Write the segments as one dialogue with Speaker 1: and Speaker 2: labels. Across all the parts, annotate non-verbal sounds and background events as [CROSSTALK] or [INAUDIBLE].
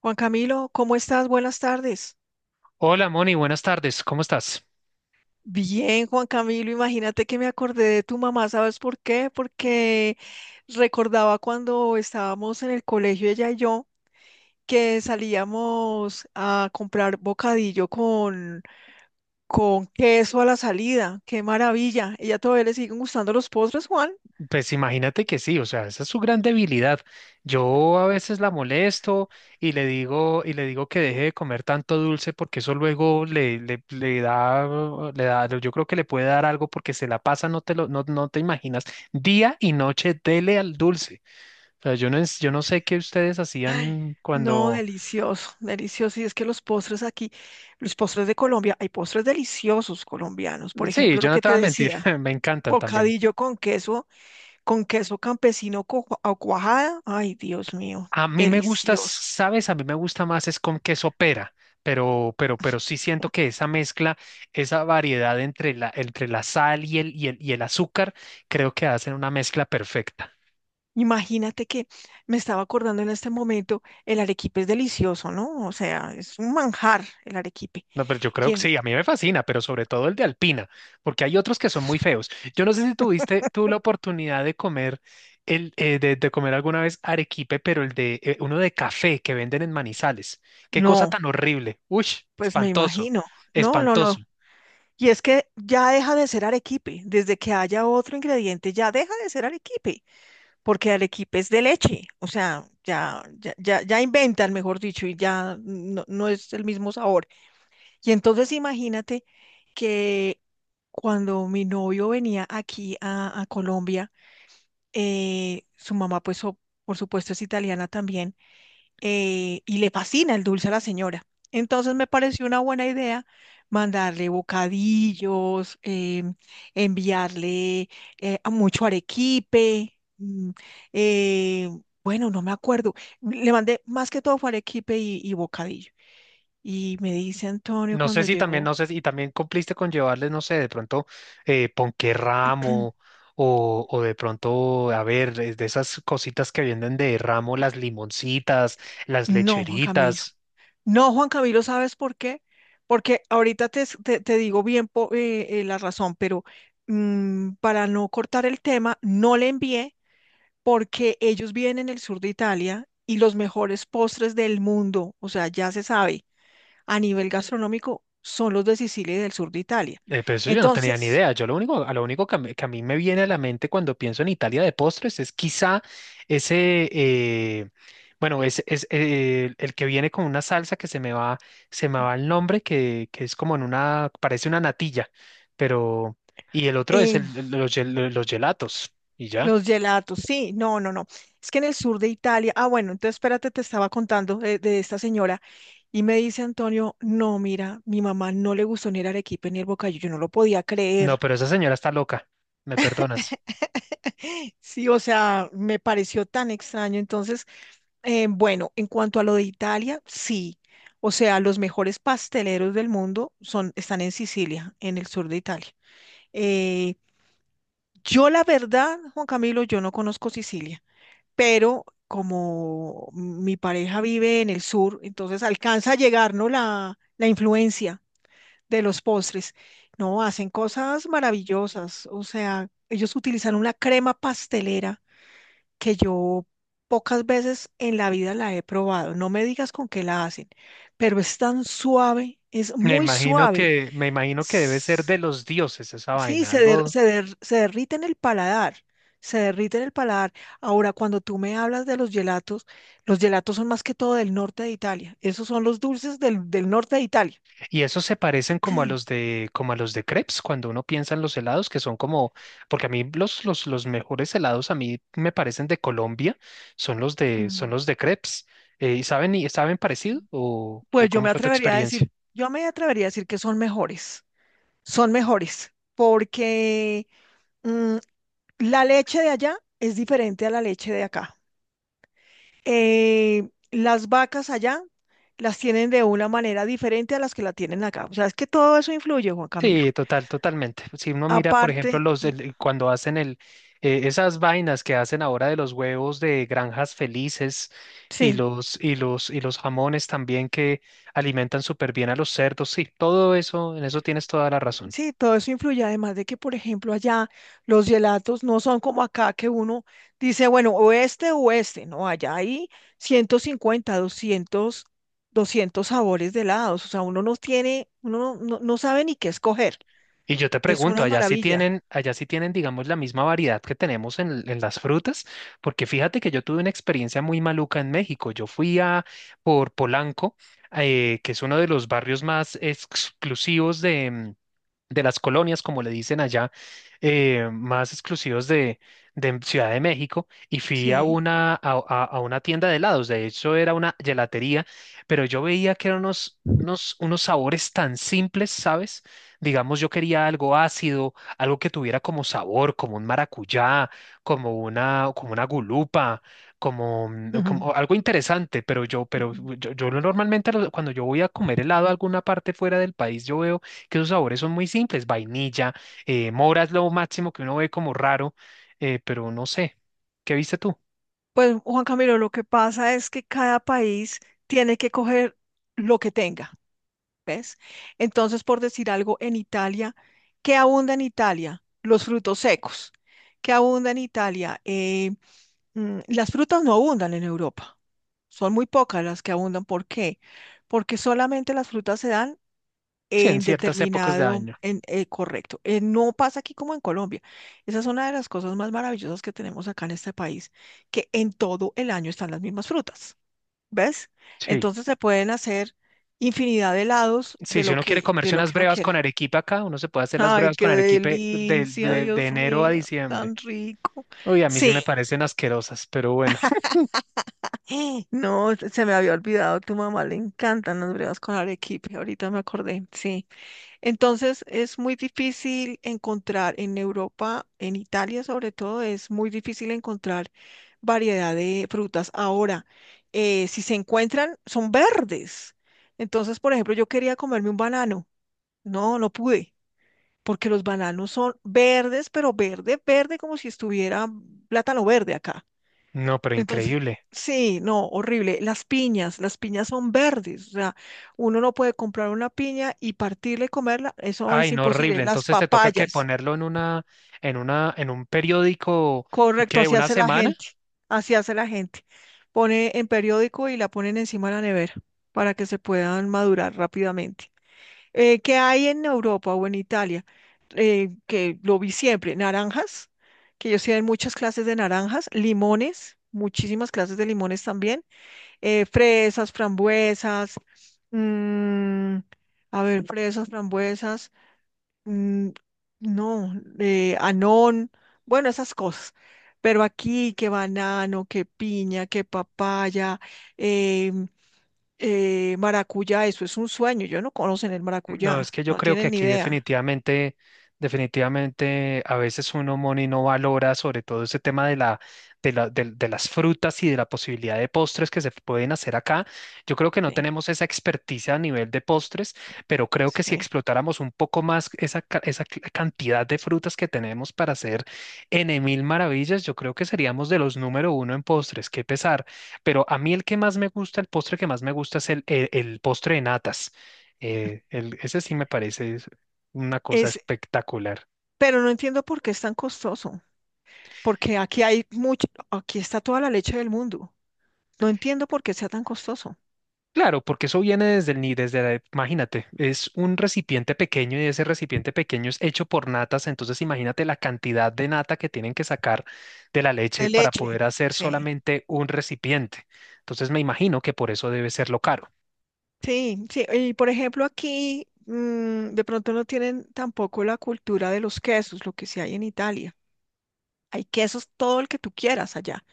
Speaker 1: Juan Camilo, ¿cómo estás? Buenas tardes.
Speaker 2: Hola Moni, buenas tardes, ¿cómo estás?
Speaker 1: Bien, Juan Camilo, imagínate que me acordé de tu mamá, ¿sabes por qué? Porque recordaba cuando estábamos en el colegio, ella y yo, que salíamos a comprar bocadillo con queso a la salida. ¡Qué maravilla! ¿Ella todavía le siguen gustando los postres, Juan?
Speaker 2: Pues imagínate que sí, o sea, esa es su gran debilidad. Yo a veces la molesto y le digo, que deje de comer tanto dulce porque eso luego le da, yo creo que le puede dar algo porque se la pasa, no te imaginas, día y noche dele al dulce. O sea, yo no sé qué ustedes
Speaker 1: Ay,
Speaker 2: hacían
Speaker 1: no,
Speaker 2: cuando,
Speaker 1: delicioso, delicioso. Y es que los postres aquí, los postres de Colombia, hay postres deliciosos colombianos. Por
Speaker 2: sí,
Speaker 1: ejemplo,
Speaker 2: yo
Speaker 1: lo
Speaker 2: no
Speaker 1: que
Speaker 2: te
Speaker 1: te
Speaker 2: voy a mentir,
Speaker 1: decía.
Speaker 2: [LAUGHS] me encantan también.
Speaker 1: Bocadillo con queso campesino o cuajada. Ay, Dios mío,
Speaker 2: A mí me gusta,
Speaker 1: delicioso.
Speaker 2: ¿sabes? A mí me gusta más es con queso pera, pero sí siento que esa mezcla, esa variedad entre la sal y el azúcar, creo que hacen una mezcla perfecta.
Speaker 1: Imagínate que me estaba acordando en este momento, el arequipe es delicioso, ¿no? O sea, es un manjar el arequipe.
Speaker 2: No, pero yo creo que
Speaker 1: ¿Quién?
Speaker 2: sí, a mí me fascina, pero sobre todo el de Alpina, porque hay otros que son muy feos. Yo no sé si tuviste tú la oportunidad de comer de comer alguna vez arequipe, pero el de uno de café que venden en Manizales. Qué cosa
Speaker 1: No,
Speaker 2: tan horrible. Uy,
Speaker 1: pues me
Speaker 2: espantoso,
Speaker 1: imagino. No, no,
Speaker 2: espantoso.
Speaker 1: no. Y es que ya deja de ser arequipe. Desde que haya otro ingrediente, ya deja de ser arequipe, porque arequipe es de leche. O sea, ya inventan, mejor dicho, y ya no es el mismo sabor. Y entonces imagínate que cuando mi novio venía aquí a Colombia, su mamá, por supuesto es italiana también, y le fascina el dulce a la señora. Entonces me pareció una buena idea mandarle bocadillos, enviarle a mucho arequipe. Eh, bueno, no me acuerdo. Le mandé más que todo fue arequipe y bocadillo. Y me dice Antonio
Speaker 2: No sé
Speaker 1: cuando
Speaker 2: si también,
Speaker 1: llegó.
Speaker 2: no sé, y también cumpliste con llevarles, no sé, de pronto ponquerramo o de pronto, a ver, es de esas cositas que venden de ramo, las limoncitas, las
Speaker 1: No, Juan Camilo.
Speaker 2: lecheritas.
Speaker 1: No, Juan Camilo, ¿sabes por qué? Porque ahorita te digo bien la razón, pero para no cortar el tema, no le envié porque ellos viven en el sur de Italia y los mejores postres del mundo, o sea, ya se sabe, a nivel gastronómico, son los de Sicilia y del sur de Italia.
Speaker 2: Pero eso yo no tenía ni
Speaker 1: Entonces,
Speaker 2: idea. Yo lo único, a lo único que a mí me viene a la mente cuando pienso en Italia de postres es quizá ese, bueno, es el que viene con una salsa que se me va el nombre, que es como en una, parece una natilla, pero, y el otro es
Speaker 1: eh,
Speaker 2: los gelatos, y ya.
Speaker 1: los gelatos, sí, no, no, no. Es que en el sur de Italia, ah, bueno, entonces espérate, te estaba contando de esta señora. Y me dice Antonio, no, mira, mi mamá no le gustó ni el arequipe ni el bocadillo, yo no lo podía
Speaker 2: No,
Speaker 1: creer.
Speaker 2: pero esa señora está loca, me perdonas.
Speaker 1: [LAUGHS] Sí, o sea, me pareció tan extraño. Entonces, bueno, en cuanto a lo de Italia, sí. O sea, los mejores pasteleros del mundo son, están en Sicilia, en el sur de Italia. Eh, yo, la verdad, Juan Camilo, yo no conozco Sicilia, pero como mi pareja vive en el sur, entonces alcanza a llegar, ¿no? La influencia de los postres. No, hacen cosas maravillosas. O sea, ellos utilizan una crema pastelera que yo pocas veces en la vida la he probado. No me digas con qué la hacen, pero es tan suave, es muy suave.
Speaker 2: Me imagino que debe ser
Speaker 1: S-
Speaker 2: de los dioses esa
Speaker 1: Sí,
Speaker 2: vaina, algo.
Speaker 1: se derrite en el paladar. Se derrite en el paladar. Ahora, cuando tú me hablas de los gelatos son más que todo del norte de Italia. Esos son los dulces del, del norte de Italia.
Speaker 2: Y esos se parecen como como a los de crepes, cuando uno piensa en los helados, que son como, porque a mí los mejores helados a mí me parecen de Colombia, son son los de crepes. ¿Y y saben parecido? O
Speaker 1: Pues yo
Speaker 2: cómo
Speaker 1: me
Speaker 2: fue tu
Speaker 1: atrevería a decir,
Speaker 2: experiencia?
Speaker 1: yo me atrevería a decir que son mejores, porque mm, la leche de allá es diferente a la leche de acá. Las vacas allá las tienen de una manera diferente a las que la tienen acá. O sea, es que todo eso influye, Juan Camilo.
Speaker 2: Sí, total, totalmente. Si uno mira, por
Speaker 1: Aparte,
Speaker 2: ejemplo, cuando hacen el esas vainas que hacen ahora de los huevos de granjas felices y
Speaker 1: sí.
Speaker 2: los jamones también que alimentan súper bien a los cerdos, sí, todo eso, en eso tienes toda la razón.
Speaker 1: Sí, todo eso influye, además de que, por ejemplo, allá los gelatos no son como acá, que uno dice, bueno, o este o este. No, allá hay 150, 200, 200 sabores de helados, o sea, uno no tiene, uno no sabe ni qué escoger,
Speaker 2: Y yo te
Speaker 1: es
Speaker 2: pregunto,
Speaker 1: una maravilla.
Speaker 2: allá sí tienen, digamos, la misma variedad que tenemos en las frutas, porque fíjate que yo tuve una experiencia muy maluca en México. Yo fui a por Polanco, que es uno de los barrios más exclusivos de las colonias, como le dicen allá, más exclusivos de Ciudad de México, y fui
Speaker 1: Sí.
Speaker 2: a una tienda de helados, de hecho era una gelatería, pero yo veía que eran unos sabores tan simples, ¿sabes? Digamos, yo quería algo ácido, algo que tuviera como sabor, como un maracuyá, como una gulupa. Como,
Speaker 1: Ujú,
Speaker 2: como algo interesante,
Speaker 1: ujú.
Speaker 2: yo normalmente cuando yo voy a comer helado a alguna parte fuera del país, yo veo que sus sabores son muy simples, vainilla, mora es lo máximo que uno ve como raro, pero no sé. ¿Qué viste tú?
Speaker 1: Pues Juan Camilo, lo que pasa es que cada país tiene que coger lo que tenga, ¿ves? Entonces, por decir algo, en Italia, ¿qué abunda en Italia? Los frutos secos. ¿Qué abunda en Italia? Las frutas no abundan en Europa. Son muy pocas las que abundan. ¿Por qué? Porque solamente las frutas se dan
Speaker 2: Sí, en
Speaker 1: en
Speaker 2: ciertas épocas de
Speaker 1: determinado,
Speaker 2: año.
Speaker 1: correcto. No pasa aquí como en Colombia. Esa es una de las cosas más maravillosas que tenemos acá en este país, que en todo el año están las mismas frutas, ¿ves?
Speaker 2: Sí.
Speaker 1: Entonces se pueden hacer infinidad de helados
Speaker 2: Sí, si uno quiere
Speaker 1: de
Speaker 2: comerse
Speaker 1: lo
Speaker 2: unas
Speaker 1: que uno
Speaker 2: brevas
Speaker 1: quiera.
Speaker 2: con
Speaker 1: [LAUGHS]
Speaker 2: arequipe acá, uno se puede hacer las
Speaker 1: Ay,
Speaker 2: brevas
Speaker 1: qué
Speaker 2: con arequipe
Speaker 1: delicia,
Speaker 2: de
Speaker 1: Dios
Speaker 2: enero a
Speaker 1: mío,
Speaker 2: diciembre.
Speaker 1: tan rico.
Speaker 2: Uy, a mí sí
Speaker 1: Sí,
Speaker 2: me
Speaker 1: [GASPS]
Speaker 2: parecen asquerosas, pero bueno.
Speaker 1: ¡Eh! No, se me había olvidado, tu mamá le encantan las brevas con arequipe, ahorita me acordé, sí. Entonces es muy difícil encontrar en Europa, en Italia sobre todo, es muy difícil encontrar variedad de frutas. Ahora, si se encuentran, son verdes. Entonces, por ejemplo, yo quería comerme un banano. No, no pude, porque los bananos son verdes, pero verde, verde, como si estuviera plátano verde acá.
Speaker 2: No, pero
Speaker 1: Entonces,
Speaker 2: increíble.
Speaker 1: sí, no, horrible. Las piñas son verdes, o sea, uno no puede comprar una piña y partirla y comerla, eso
Speaker 2: Ay,
Speaker 1: es
Speaker 2: no, horrible.
Speaker 1: imposible. Las
Speaker 2: Entonces te toca que
Speaker 1: papayas,
Speaker 2: ponerlo en un periódico,
Speaker 1: correcto,
Speaker 2: ¿qué?
Speaker 1: así
Speaker 2: ¿Una
Speaker 1: hace la
Speaker 2: semana?
Speaker 1: gente, así hace la gente. Pone en periódico y la ponen encima de la nevera para que se puedan madurar rápidamente. ¿Qué hay en Europa o en Italia? Que lo vi siempre, naranjas, que ellos tienen muchas clases de naranjas, limones, muchísimas clases de limones también, fresas, frambuesas, mm, a ver, fresas, frambuesas, mm, no, anón, bueno, esas cosas. Pero aquí que banano, que piña, que papaya, eh, maracuyá, eso es un sueño. Yo no conocen el
Speaker 2: No, es
Speaker 1: maracuyá,
Speaker 2: que yo
Speaker 1: no
Speaker 2: creo que
Speaker 1: tienen ni
Speaker 2: aquí
Speaker 1: idea.
Speaker 2: definitivamente, definitivamente a veces uno, Moni, no valora sobre todo ese tema de las frutas y de la posibilidad de postres que se pueden hacer acá. Yo creo que no
Speaker 1: Sí,
Speaker 2: tenemos esa experticia a nivel de postres, pero creo que si
Speaker 1: sí.
Speaker 2: explotáramos un poco más esa cantidad de frutas que tenemos para hacer en mil maravillas, yo creo que seríamos de los número uno en postres, qué pesar. Pero a mí el que más me gusta, el postre que más me gusta es el postre de natas. Ese sí me parece es una cosa
Speaker 1: Es,
Speaker 2: espectacular.
Speaker 1: pero no entiendo por qué es tan costoso, porque aquí hay mucho, aquí está toda la leche del mundo. No entiendo por qué sea tan costoso.
Speaker 2: Claro, porque eso viene desde el ni desde la, imagínate, es un recipiente pequeño y ese recipiente pequeño es hecho por natas, entonces imagínate la cantidad de nata que tienen que sacar de la leche
Speaker 1: De
Speaker 2: para
Speaker 1: leche,
Speaker 2: poder hacer
Speaker 1: sí.
Speaker 2: solamente un recipiente. Entonces me imagino que por eso debe ser lo caro.
Speaker 1: Sí, sí. Y por ejemplo, aquí de pronto no tienen tampoco la cultura de los quesos, lo que sí hay en Italia. Hay quesos todo el que tú quieras allá.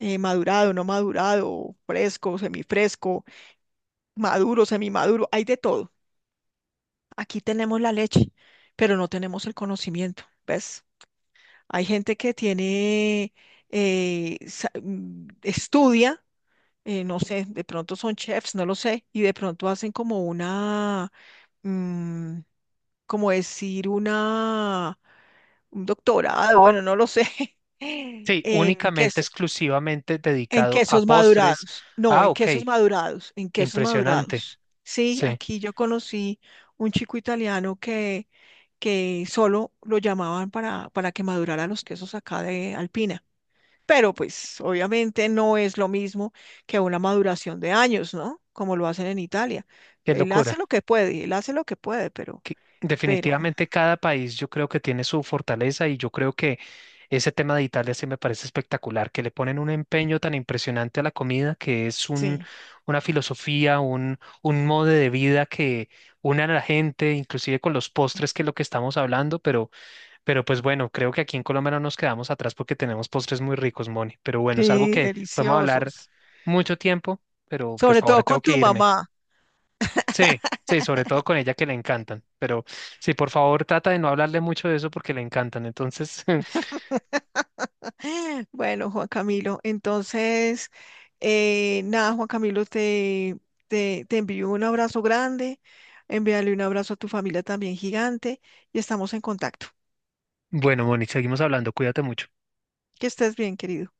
Speaker 1: Madurado, no madurado, fresco, semifresco, maduro, semimaduro, hay de todo. Aquí tenemos la leche, pero no tenemos el conocimiento, ¿ves? Hay gente que tiene, estudia, no sé, de pronto son chefs, no lo sé, y de pronto hacen como una, mm, como decir, una, un doctorado, bueno, no lo sé, [LAUGHS]
Speaker 2: Sí,
Speaker 1: en que.
Speaker 2: únicamente, exclusivamente
Speaker 1: En
Speaker 2: dedicado a
Speaker 1: quesos
Speaker 2: postres.
Speaker 1: madurados. No,
Speaker 2: Ah,
Speaker 1: en
Speaker 2: ok,
Speaker 1: quesos madurados. En quesos
Speaker 2: impresionante.
Speaker 1: madurados. Sí,
Speaker 2: Sí,
Speaker 1: aquí yo conocí un chico italiano que solo lo llamaban para que madurara los quesos acá de Alpina. Pero pues obviamente no es lo mismo que una maduración de años, ¿no? Como lo hacen en Italia.
Speaker 2: qué
Speaker 1: Él hace
Speaker 2: locura.
Speaker 1: lo que puede, él hace lo que puede, pero,
Speaker 2: Definitivamente cada país yo creo que tiene su fortaleza y yo creo que ese tema de Italia sí me parece espectacular, que le ponen un empeño tan impresionante a la comida que es un,
Speaker 1: sí,
Speaker 2: una filosofía, un modo de vida que une a la gente, inclusive con los postres, que es lo que estamos hablando, pero pues bueno, creo que aquí en Colombia no nos quedamos atrás porque tenemos postres muy ricos, Moni. Pero bueno, es algo
Speaker 1: sí,
Speaker 2: que podemos hablar
Speaker 1: deliciosos.
Speaker 2: mucho tiempo, pero pues
Speaker 1: Sobre todo
Speaker 2: ahora
Speaker 1: con
Speaker 2: tengo que
Speaker 1: tu
Speaker 2: irme.
Speaker 1: mamá.
Speaker 2: Sí, sí, sobre todo con ella que le encantan. Pero sí, por favor, trata de no hablarle mucho de eso porque le encantan. Entonces, [LAUGHS]
Speaker 1: Bueno, Juan Camilo, entonces, nada, Juan Camilo, te envío un abrazo grande, envíale un abrazo a tu familia también gigante y estamos en contacto.
Speaker 2: bueno, Moni, seguimos hablando. Cuídate mucho.
Speaker 1: Que estés bien, querido.